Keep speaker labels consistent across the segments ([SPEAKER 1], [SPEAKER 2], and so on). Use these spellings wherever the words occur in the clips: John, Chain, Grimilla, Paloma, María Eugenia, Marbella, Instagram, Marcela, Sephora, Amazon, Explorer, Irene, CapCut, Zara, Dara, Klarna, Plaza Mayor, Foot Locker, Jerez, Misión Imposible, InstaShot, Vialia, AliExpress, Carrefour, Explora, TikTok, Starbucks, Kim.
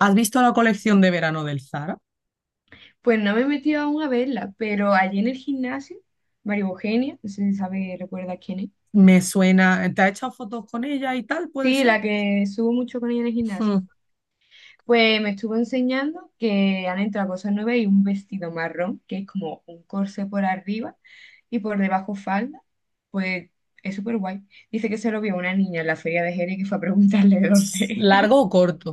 [SPEAKER 1] ¿Has visto la colección de verano del Zara?
[SPEAKER 2] Pues no me he metido aún a verla, pero allí en el gimnasio, María Eugenia, no sé si sabe, recuerda quién es.
[SPEAKER 1] Me suena, ¿te has echado fotos con ella y tal? ¿Puede
[SPEAKER 2] Sí,
[SPEAKER 1] ser?
[SPEAKER 2] la que subo mucho con ella en el gimnasio.
[SPEAKER 1] Mm.
[SPEAKER 2] Pues me estuvo enseñando que han entrado cosas nuevas y un vestido marrón, que es como un corsé por arriba y por debajo falda. Pues es súper guay. Dice que se lo vio una niña en la feria de Jerez que fue a preguntarle de dónde era.
[SPEAKER 1] ¿Largo o corto?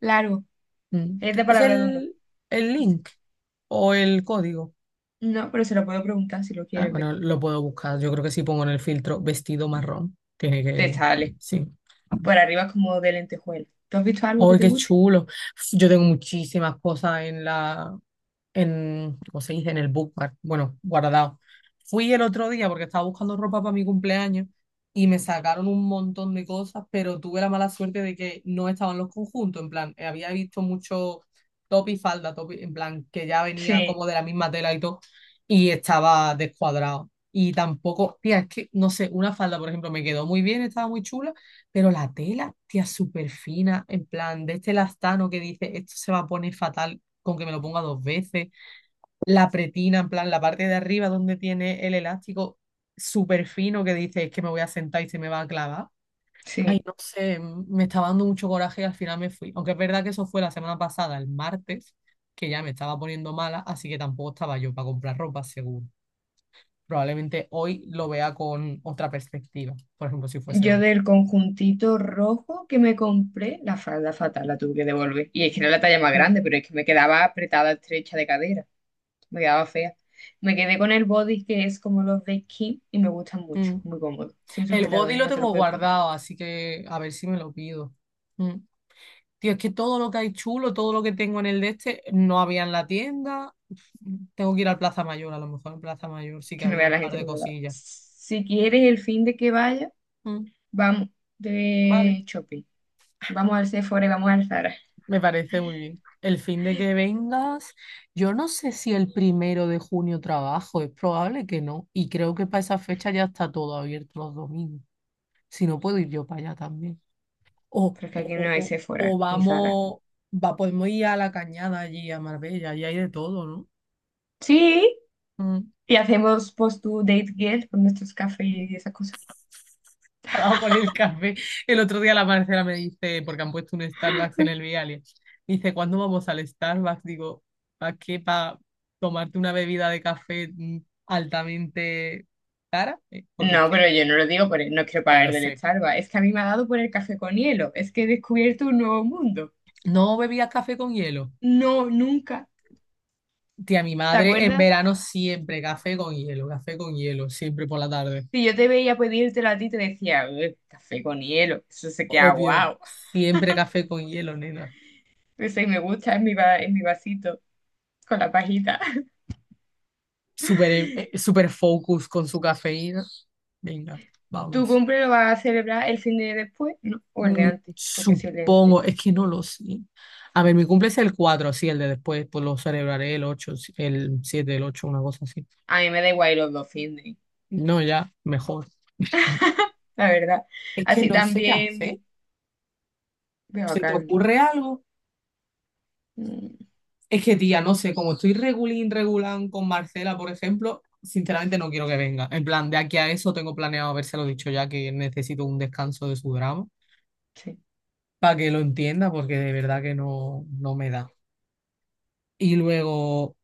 [SPEAKER 2] Largo,
[SPEAKER 1] Mm.
[SPEAKER 2] es de
[SPEAKER 1] ¿Tienes
[SPEAKER 2] palabra de uno.
[SPEAKER 1] el
[SPEAKER 2] Así.
[SPEAKER 1] link o el código?
[SPEAKER 2] No, pero se lo puedo preguntar si lo
[SPEAKER 1] Ah,
[SPEAKER 2] quieres ver.
[SPEAKER 1] bueno, lo puedo buscar. Yo creo que si pongo en el filtro vestido marrón, tiene
[SPEAKER 2] Te
[SPEAKER 1] que.
[SPEAKER 2] sale.
[SPEAKER 1] Sí.
[SPEAKER 2] Por arriba como de lentejuela. ¿Tú has visto algo que
[SPEAKER 1] ¡Ay,
[SPEAKER 2] te
[SPEAKER 1] qué
[SPEAKER 2] guste?
[SPEAKER 1] chulo! Yo tengo muchísimas cosas ¿cómo se dice? En el bookmark, bueno, guardado. Fui el otro día porque estaba buscando ropa para mi cumpleaños y me sacaron un montón de cosas, pero tuve la mala suerte de que no estaban los conjuntos, en plan, había visto mucho top y falda, en plan, que ya venía
[SPEAKER 2] Sí,
[SPEAKER 1] como de la misma tela y todo, y estaba descuadrado. Y tampoco, tía, es que, no sé, una falda, por ejemplo, me quedó muy bien, estaba muy chula, pero la tela, tía, súper fina, en plan, de este lastano que dice, esto se va a poner fatal con que me lo ponga 2 veces, la pretina, en plan, la parte de arriba donde tiene el elástico súper fino que dice es que me voy a sentar y se me va a clavar. Ay,
[SPEAKER 2] sí.
[SPEAKER 1] no sé, me estaba dando mucho coraje y al final me fui. Aunque es verdad que eso fue la semana pasada, el martes, que ya me estaba poniendo mala, así que tampoco estaba yo para comprar ropa, seguro. Probablemente hoy lo vea con otra perspectiva, por ejemplo, si fuese
[SPEAKER 2] Yo
[SPEAKER 1] hoy.
[SPEAKER 2] del conjuntito rojo que me compré, la falda fatal la tuve que devolver. Y es que era la talla más
[SPEAKER 1] Mm,
[SPEAKER 2] grande, pero es que me quedaba apretada, estrecha de cadera. Me quedaba fea. Me quedé con el body, que es como los de Kim, y me gustan mucho,
[SPEAKER 1] mm.
[SPEAKER 2] muy cómodo. Sin
[SPEAKER 1] El
[SPEAKER 2] sujetador
[SPEAKER 1] body
[SPEAKER 2] ni
[SPEAKER 1] lo
[SPEAKER 2] no te lo
[SPEAKER 1] tengo
[SPEAKER 2] puedes poner.
[SPEAKER 1] guardado, así que a ver si me lo pido. Mm. Tío, es que todo lo que hay chulo, todo lo que tengo en el de este, no había en la tienda. Tengo que ir al Plaza Mayor, a lo mejor en Plaza Mayor sí que
[SPEAKER 2] Que no
[SPEAKER 1] había
[SPEAKER 2] vea
[SPEAKER 1] un
[SPEAKER 2] la
[SPEAKER 1] par
[SPEAKER 2] gente
[SPEAKER 1] de
[SPEAKER 2] que me lo da.
[SPEAKER 1] cosillas.
[SPEAKER 2] Si quieres el fin de que vaya,
[SPEAKER 1] Mm,
[SPEAKER 2] vamos
[SPEAKER 1] vale,
[SPEAKER 2] de shopping. Vamos al Sephora y vamos al Zara.
[SPEAKER 1] me parece muy bien. El fin de que vengas, yo no sé si el primero de junio trabajo, es probable que no. Y creo que para esa fecha ya está todo abierto los domingos. Si no, puedo ir yo para allá también. O,
[SPEAKER 2] Pero es que
[SPEAKER 1] o,
[SPEAKER 2] aquí no
[SPEAKER 1] o,
[SPEAKER 2] hay
[SPEAKER 1] o-
[SPEAKER 2] Sephora
[SPEAKER 1] o
[SPEAKER 2] ni Zara.
[SPEAKER 1] vamos, va, podemos ir a la cañada allí, a Marbella, y hay de todo,
[SPEAKER 2] Sí.
[SPEAKER 1] ¿no?
[SPEAKER 2] Y hacemos post to date girl con nuestros cafés y esa cosa.
[SPEAKER 1] dado con el café. El otro día la Marcela me dice, porque han puesto un Starbucks en el Vialia, dice, ¿cuándo vamos al Starbucks? Digo, ¿para qué? ¿Para tomarte una bebida de café altamente cara? Porque es
[SPEAKER 2] No,
[SPEAKER 1] que,
[SPEAKER 2] pero yo no lo digo porque no quiero
[SPEAKER 1] ya lo
[SPEAKER 2] pagar del
[SPEAKER 1] sé.
[SPEAKER 2] Starbucks. Es que a mí me ha dado por el café con hielo. Es que he descubierto un nuevo mundo.
[SPEAKER 1] No bebías café con hielo.
[SPEAKER 2] No, nunca.
[SPEAKER 1] Tía, mi
[SPEAKER 2] ¿Te
[SPEAKER 1] madre en
[SPEAKER 2] acuerdas?
[SPEAKER 1] verano siempre café con hielo, siempre por la tarde.
[SPEAKER 2] Si yo te veía pedírtelo a ti, te decía: "Uy, café con hielo. Eso se queda
[SPEAKER 1] Obvio,
[SPEAKER 2] guau".
[SPEAKER 1] siempre café con hielo, nena.
[SPEAKER 2] Ese me gusta en mi, en mi vasito, con la pajita.
[SPEAKER 1] Súper, súper focus con su cafeína. Venga,
[SPEAKER 2] ¿Tu
[SPEAKER 1] vamos.
[SPEAKER 2] cumple lo vas a celebrar el fin de después? No, o el de
[SPEAKER 1] Mm,
[SPEAKER 2] antes, porque si el de antes.
[SPEAKER 1] Supongo, es que no lo sé. A ver, mi cumple es el 4 sí, el de después, pues lo celebraré el 8 sí, el 7 el 8 una cosa así.
[SPEAKER 2] A mí me da igual los dos fines.
[SPEAKER 1] No, ya, mejor.
[SPEAKER 2] La verdad.
[SPEAKER 1] Es que
[SPEAKER 2] Así
[SPEAKER 1] no sé qué hacer.
[SPEAKER 2] también. Voy a
[SPEAKER 1] ¿Se te
[SPEAKER 2] vacarme.
[SPEAKER 1] ocurre algo?
[SPEAKER 2] Mm,
[SPEAKER 1] Es que, tía, no sé, como estoy regulín, regulán con Marcela, por ejemplo, sinceramente no quiero que venga. En plan, de aquí a eso tengo planeado habérselo dicho ya que necesito un descanso de su drama
[SPEAKER 2] sí,
[SPEAKER 1] para que lo entienda, porque de verdad que no, no me da. Y luego,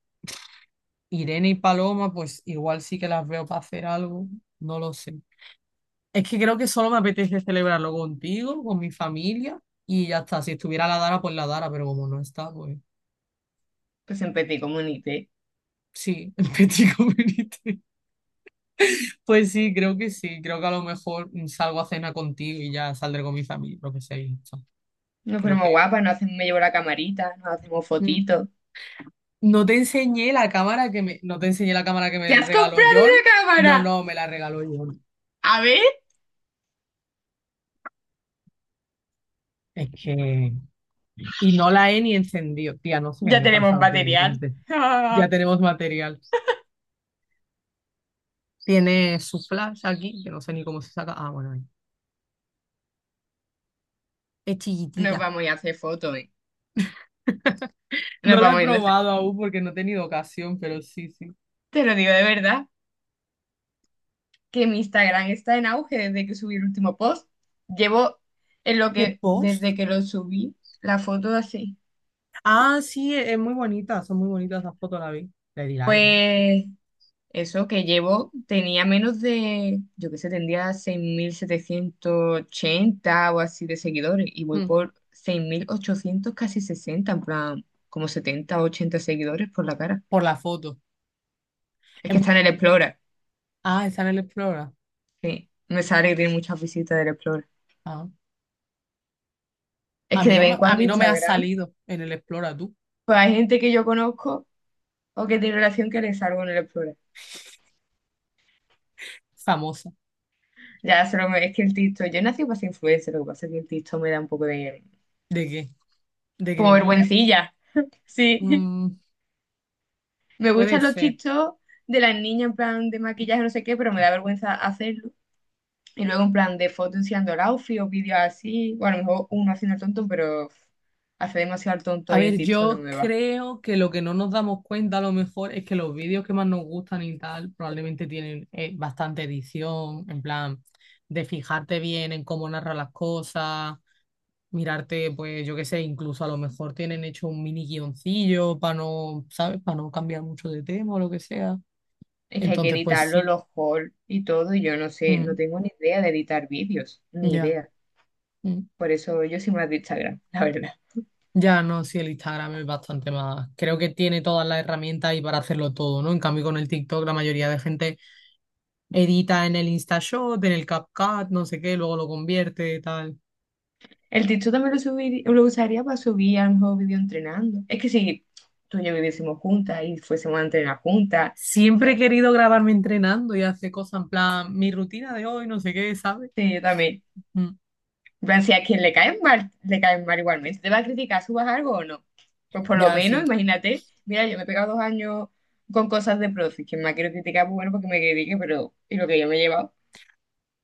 [SPEAKER 1] Irene y Paloma, pues igual sí que las veo para hacer algo, no lo sé. Es que creo que solo me apetece celebrarlo contigo, con mi familia y ya está. Si estuviera la Dara, pues la Dara, pero como no está, pues
[SPEAKER 2] pues siempre te comunité.
[SPEAKER 1] sí, el petit comité. Pues sí. Creo que a lo mejor salgo a cena contigo y ya saldré con mi familia, lo que sea. Y ya está.
[SPEAKER 2] Nos
[SPEAKER 1] Creo
[SPEAKER 2] ponemos
[SPEAKER 1] que
[SPEAKER 2] guapas, nos hacemos, me llevo la camarita, nos hacemos
[SPEAKER 1] mm,
[SPEAKER 2] fotitos.
[SPEAKER 1] no te enseñé la cámara que me, no te enseñé la cámara que
[SPEAKER 2] ¿Te
[SPEAKER 1] me
[SPEAKER 2] has comprado
[SPEAKER 1] regaló John.
[SPEAKER 2] una
[SPEAKER 1] No,
[SPEAKER 2] cámara?
[SPEAKER 1] no, me la regaló John.
[SPEAKER 2] A ver,
[SPEAKER 1] Es que. Y no la he ni encendido. Tía, no sé qué
[SPEAKER 2] ya
[SPEAKER 1] me he
[SPEAKER 2] tenemos
[SPEAKER 1] pasado
[SPEAKER 2] material.
[SPEAKER 1] últimamente. Ya tenemos material. Tiene su flash aquí, que no sé ni cómo se saca. Ah, bueno, ahí. Es
[SPEAKER 2] Nos
[SPEAKER 1] chiquitita.
[SPEAKER 2] vamos a ir a hacer fotos, ¿eh?
[SPEAKER 1] No
[SPEAKER 2] Nos
[SPEAKER 1] la
[SPEAKER 2] vamos
[SPEAKER 1] he
[SPEAKER 2] a ir a hacer...
[SPEAKER 1] probado aún porque no he tenido ocasión, pero sí, sí.
[SPEAKER 2] Te lo digo de verdad, que mi Instagram está en auge desde que subí el último post. Llevo en lo
[SPEAKER 1] ¿Qué
[SPEAKER 2] que,
[SPEAKER 1] post?
[SPEAKER 2] desde que lo subí, la foto así.
[SPEAKER 1] Ah, sí, es muy bonita. Son muy bonitas las fotos, la vi. Le di like, ¿no? Sí.
[SPEAKER 2] Pues eso, que llevo, tenía menos de, yo qué sé, tendría 6.780 o así de seguidores, y voy
[SPEAKER 1] Mm,
[SPEAKER 2] por 6.800 casi 60, en plan, como 70 o 80 seguidores por la cara.
[SPEAKER 1] por la foto.
[SPEAKER 2] Es
[SPEAKER 1] Es
[SPEAKER 2] que
[SPEAKER 1] mu-
[SPEAKER 2] está en el Explorer,
[SPEAKER 1] Ah, está en el Explora.
[SPEAKER 2] sí. Me sale que tiene muchas visitas del Explorer.
[SPEAKER 1] Ah.
[SPEAKER 2] Es que de vez en
[SPEAKER 1] A
[SPEAKER 2] cuando
[SPEAKER 1] mí no me ha
[SPEAKER 2] Instagram,
[SPEAKER 1] salido en el Explora, tú.
[SPEAKER 2] pues hay gente que yo conozco o que tiene relación que le salgo en el Explorer.
[SPEAKER 1] Famosa.
[SPEAKER 2] Ya, solo me- es que el TikTok, yo nací para ser influencer, lo que pasa es que el TikTok me da un poco de,
[SPEAKER 1] ¿De qué? ¿De
[SPEAKER 2] como,
[SPEAKER 1] Grimilla?
[SPEAKER 2] vergüencilla, sí.
[SPEAKER 1] Mm,
[SPEAKER 2] Me
[SPEAKER 1] Puede
[SPEAKER 2] gustan los
[SPEAKER 1] ser.
[SPEAKER 2] TikTok de las niñas en plan de maquillaje, no sé qué, pero me da vergüenza hacerlo. Y luego en plan de fotos enseñando el outfit o vídeos así. Bueno, a lo mejor uno haciendo el tonto, pero uf, hace demasiado el tonto
[SPEAKER 1] A
[SPEAKER 2] ahí en
[SPEAKER 1] ver,
[SPEAKER 2] TikTok, no
[SPEAKER 1] yo
[SPEAKER 2] me va.
[SPEAKER 1] creo que lo que no nos damos cuenta a lo mejor es que los vídeos que más nos gustan y tal probablemente tienen bastante edición, en plan de fijarte bien en cómo narra las cosas, mirarte, pues yo qué sé, incluso a lo mejor tienen hecho un mini guioncillo para no, ¿sabes? Para no cambiar mucho de tema o lo que sea.
[SPEAKER 2] Es que hay que
[SPEAKER 1] Entonces, pues
[SPEAKER 2] editarlo,
[SPEAKER 1] sí,
[SPEAKER 2] los hauls y todo, y yo no sé, no
[SPEAKER 1] mm,
[SPEAKER 2] tengo ni idea de editar vídeos, ni
[SPEAKER 1] ya,
[SPEAKER 2] idea.
[SPEAKER 1] mm.
[SPEAKER 2] Por eso yo soy más de Instagram, la verdad.
[SPEAKER 1] Ya no, sí, el Instagram es bastante más. Creo que tiene todas las herramientas y para hacerlo todo, ¿no? En cambio, con el TikTok, la mayoría de gente edita en el InstaShot, en el CapCut, no sé qué, luego lo convierte, tal.
[SPEAKER 2] El TikTok también lo usaría para subir a lo mejor vídeo entrenando. Es que si tú y yo viviésemos juntas y fuésemos a entrenar juntas,
[SPEAKER 1] Siempre he
[SPEAKER 2] pues,
[SPEAKER 1] querido grabarme entrenando y hacer cosas en plan, mi rutina de hoy, no sé qué, ¿sabes?
[SPEAKER 2] sí, yo también.
[SPEAKER 1] Mm,
[SPEAKER 2] En plan, si a quien le caen mal igualmente. ¿Te va a criticar, subas algo o no? Pues por lo
[SPEAKER 1] ya
[SPEAKER 2] menos,
[SPEAKER 1] sí.
[SPEAKER 2] imagínate, mira, yo me he pegado 2 años con cosas de profes, que me quiero criticar, pues bueno, porque me critique, pero ¿y lo que yo me he llevado?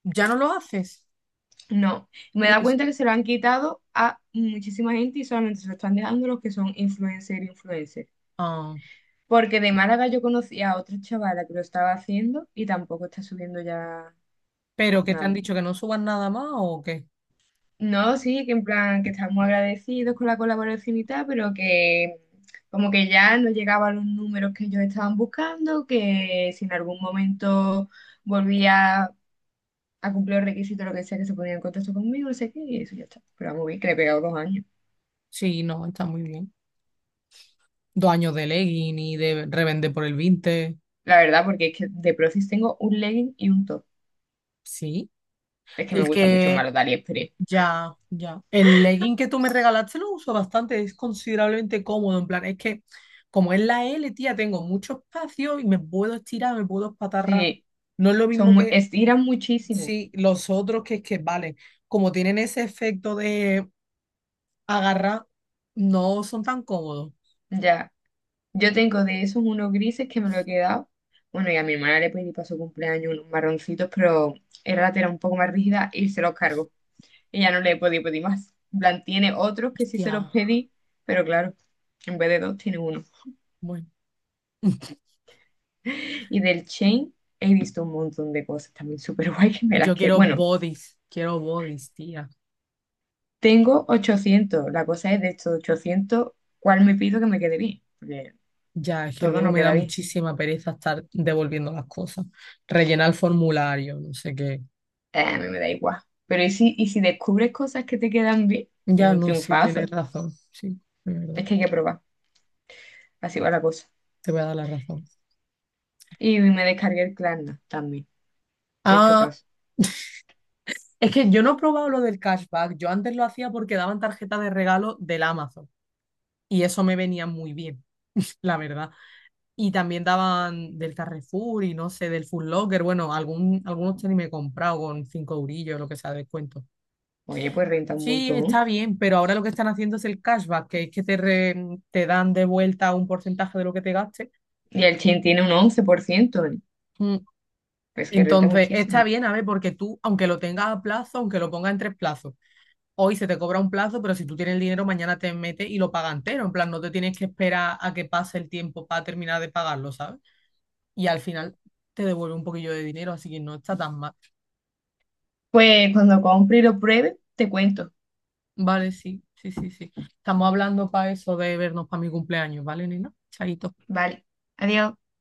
[SPEAKER 1] ¿Ya no lo haces?
[SPEAKER 2] No. Me he
[SPEAKER 1] Y
[SPEAKER 2] dado
[SPEAKER 1] es-
[SPEAKER 2] cuenta que se lo han quitado a muchísima gente y solamente se lo están dejando los que son influencer influencer.
[SPEAKER 1] Ah,
[SPEAKER 2] Porque de Málaga yo conocí a otra chavala que lo estaba haciendo y tampoco está subiendo ya
[SPEAKER 1] ¿pero qué te han
[SPEAKER 2] nada.
[SPEAKER 1] dicho que no subas nada más o qué?
[SPEAKER 2] No, sí, que en plan, que estamos agradecidos con la colaboración y tal, pero que, como que ya no llegaban los números que ellos estaban buscando, que si en algún momento volvía a cumplir los requisitos, lo que sea, que se ponía en contacto conmigo, no sé qué, y eso ya está. Pero vamos bien, que le he pegado 2 años.
[SPEAKER 1] Sí, no, está muy bien. 2 años de legging y de revender por el 20.
[SPEAKER 2] La verdad, porque es que de Profis tengo un legging y un top.
[SPEAKER 1] Sí.
[SPEAKER 2] Es que me
[SPEAKER 1] El
[SPEAKER 2] gusta mucho más
[SPEAKER 1] que
[SPEAKER 2] los de AliExpress.
[SPEAKER 1] Ya, ya. El legging que tú me regalaste lo uso bastante, es considerablemente cómodo. En plan, es que como es la L, tía, tengo mucho espacio y me puedo estirar, me puedo espatarrar.
[SPEAKER 2] Sí,
[SPEAKER 1] No es lo
[SPEAKER 2] son
[SPEAKER 1] mismo
[SPEAKER 2] muy,
[SPEAKER 1] que
[SPEAKER 2] estiran muchísimo,
[SPEAKER 1] sí, los otros, que es que, vale, como tienen ese efecto de agarrar, no son tan cómodos.
[SPEAKER 2] ya. Yo tengo de esos unos grises que me lo he quedado. Bueno, y a mi hermana le pedí para su cumpleaños unos marroncitos, pero era un poco más rígida y se los cargo. Ella, no le he podido pedir más. En plan, tiene otros que sí se
[SPEAKER 1] Hostia,
[SPEAKER 2] los pedí, pero claro, en vez de dos tiene uno.
[SPEAKER 1] bueno.
[SPEAKER 2] Y del Chain he visto un montón de cosas también súper guay que me las
[SPEAKER 1] Yo
[SPEAKER 2] que... Bueno,
[SPEAKER 1] quiero bodies, tía.
[SPEAKER 2] tengo 800. La cosa es, de estos 800, ¿cuál me pido que me quede bien? Porque
[SPEAKER 1] Ya, es que
[SPEAKER 2] todo
[SPEAKER 1] luego
[SPEAKER 2] no
[SPEAKER 1] me da
[SPEAKER 2] queda bien.
[SPEAKER 1] muchísima pereza estar devolviendo las cosas. Rellenar el formulario, no sé qué.
[SPEAKER 2] A mí me da igual. Pero ¿y si descubres cosas que te quedan bien? Es
[SPEAKER 1] Ya
[SPEAKER 2] un
[SPEAKER 1] no, sí,
[SPEAKER 2] triunfazo.
[SPEAKER 1] tienes razón. Sí, es verdad.
[SPEAKER 2] Es que hay que probar. Así va la cosa.
[SPEAKER 1] Te voy a dar la razón.
[SPEAKER 2] Y me descargué el Klarna también. Te he hecho
[SPEAKER 1] Ah,
[SPEAKER 2] caso.
[SPEAKER 1] es que yo no he probado lo del cashback. Yo antes lo hacía porque daban tarjetas de regalo del Amazon y eso me venía muy bien, la verdad. Y también daban del Carrefour y no sé, del Foot Locker. Bueno, algunos tenis me he comprado con 5 eurillos, lo que sea, de descuento.
[SPEAKER 2] Oye, pues renta un
[SPEAKER 1] Sí, está
[SPEAKER 2] montón.
[SPEAKER 1] bien, pero ahora lo que están haciendo es el cashback, que es que te dan de vuelta un porcentaje de lo que te gastes.
[SPEAKER 2] Y el Chin tiene un 11%, ¿eh?
[SPEAKER 1] mm,
[SPEAKER 2] Pues que renta
[SPEAKER 1] Entonces, está
[SPEAKER 2] muchísimo.
[SPEAKER 1] bien, a ver, porque tú, aunque lo tengas a plazo, aunque lo pongas en 3 plazos, hoy se te cobra un plazo, pero si tú tienes el dinero, mañana te metes y lo pagas entero. En plan, no te tienes que esperar a que pase el tiempo para terminar de pagarlo, ¿sabes? Y al final te devuelve un poquillo de dinero, así que no está tan mal.
[SPEAKER 2] Pues cuando compre y lo pruebe, te cuento.
[SPEAKER 1] Vale, sí, sí, sí, sí. Estamos hablando para eso de vernos para mi cumpleaños, ¿vale, nena? Chaito.
[SPEAKER 2] Vale. Adiós.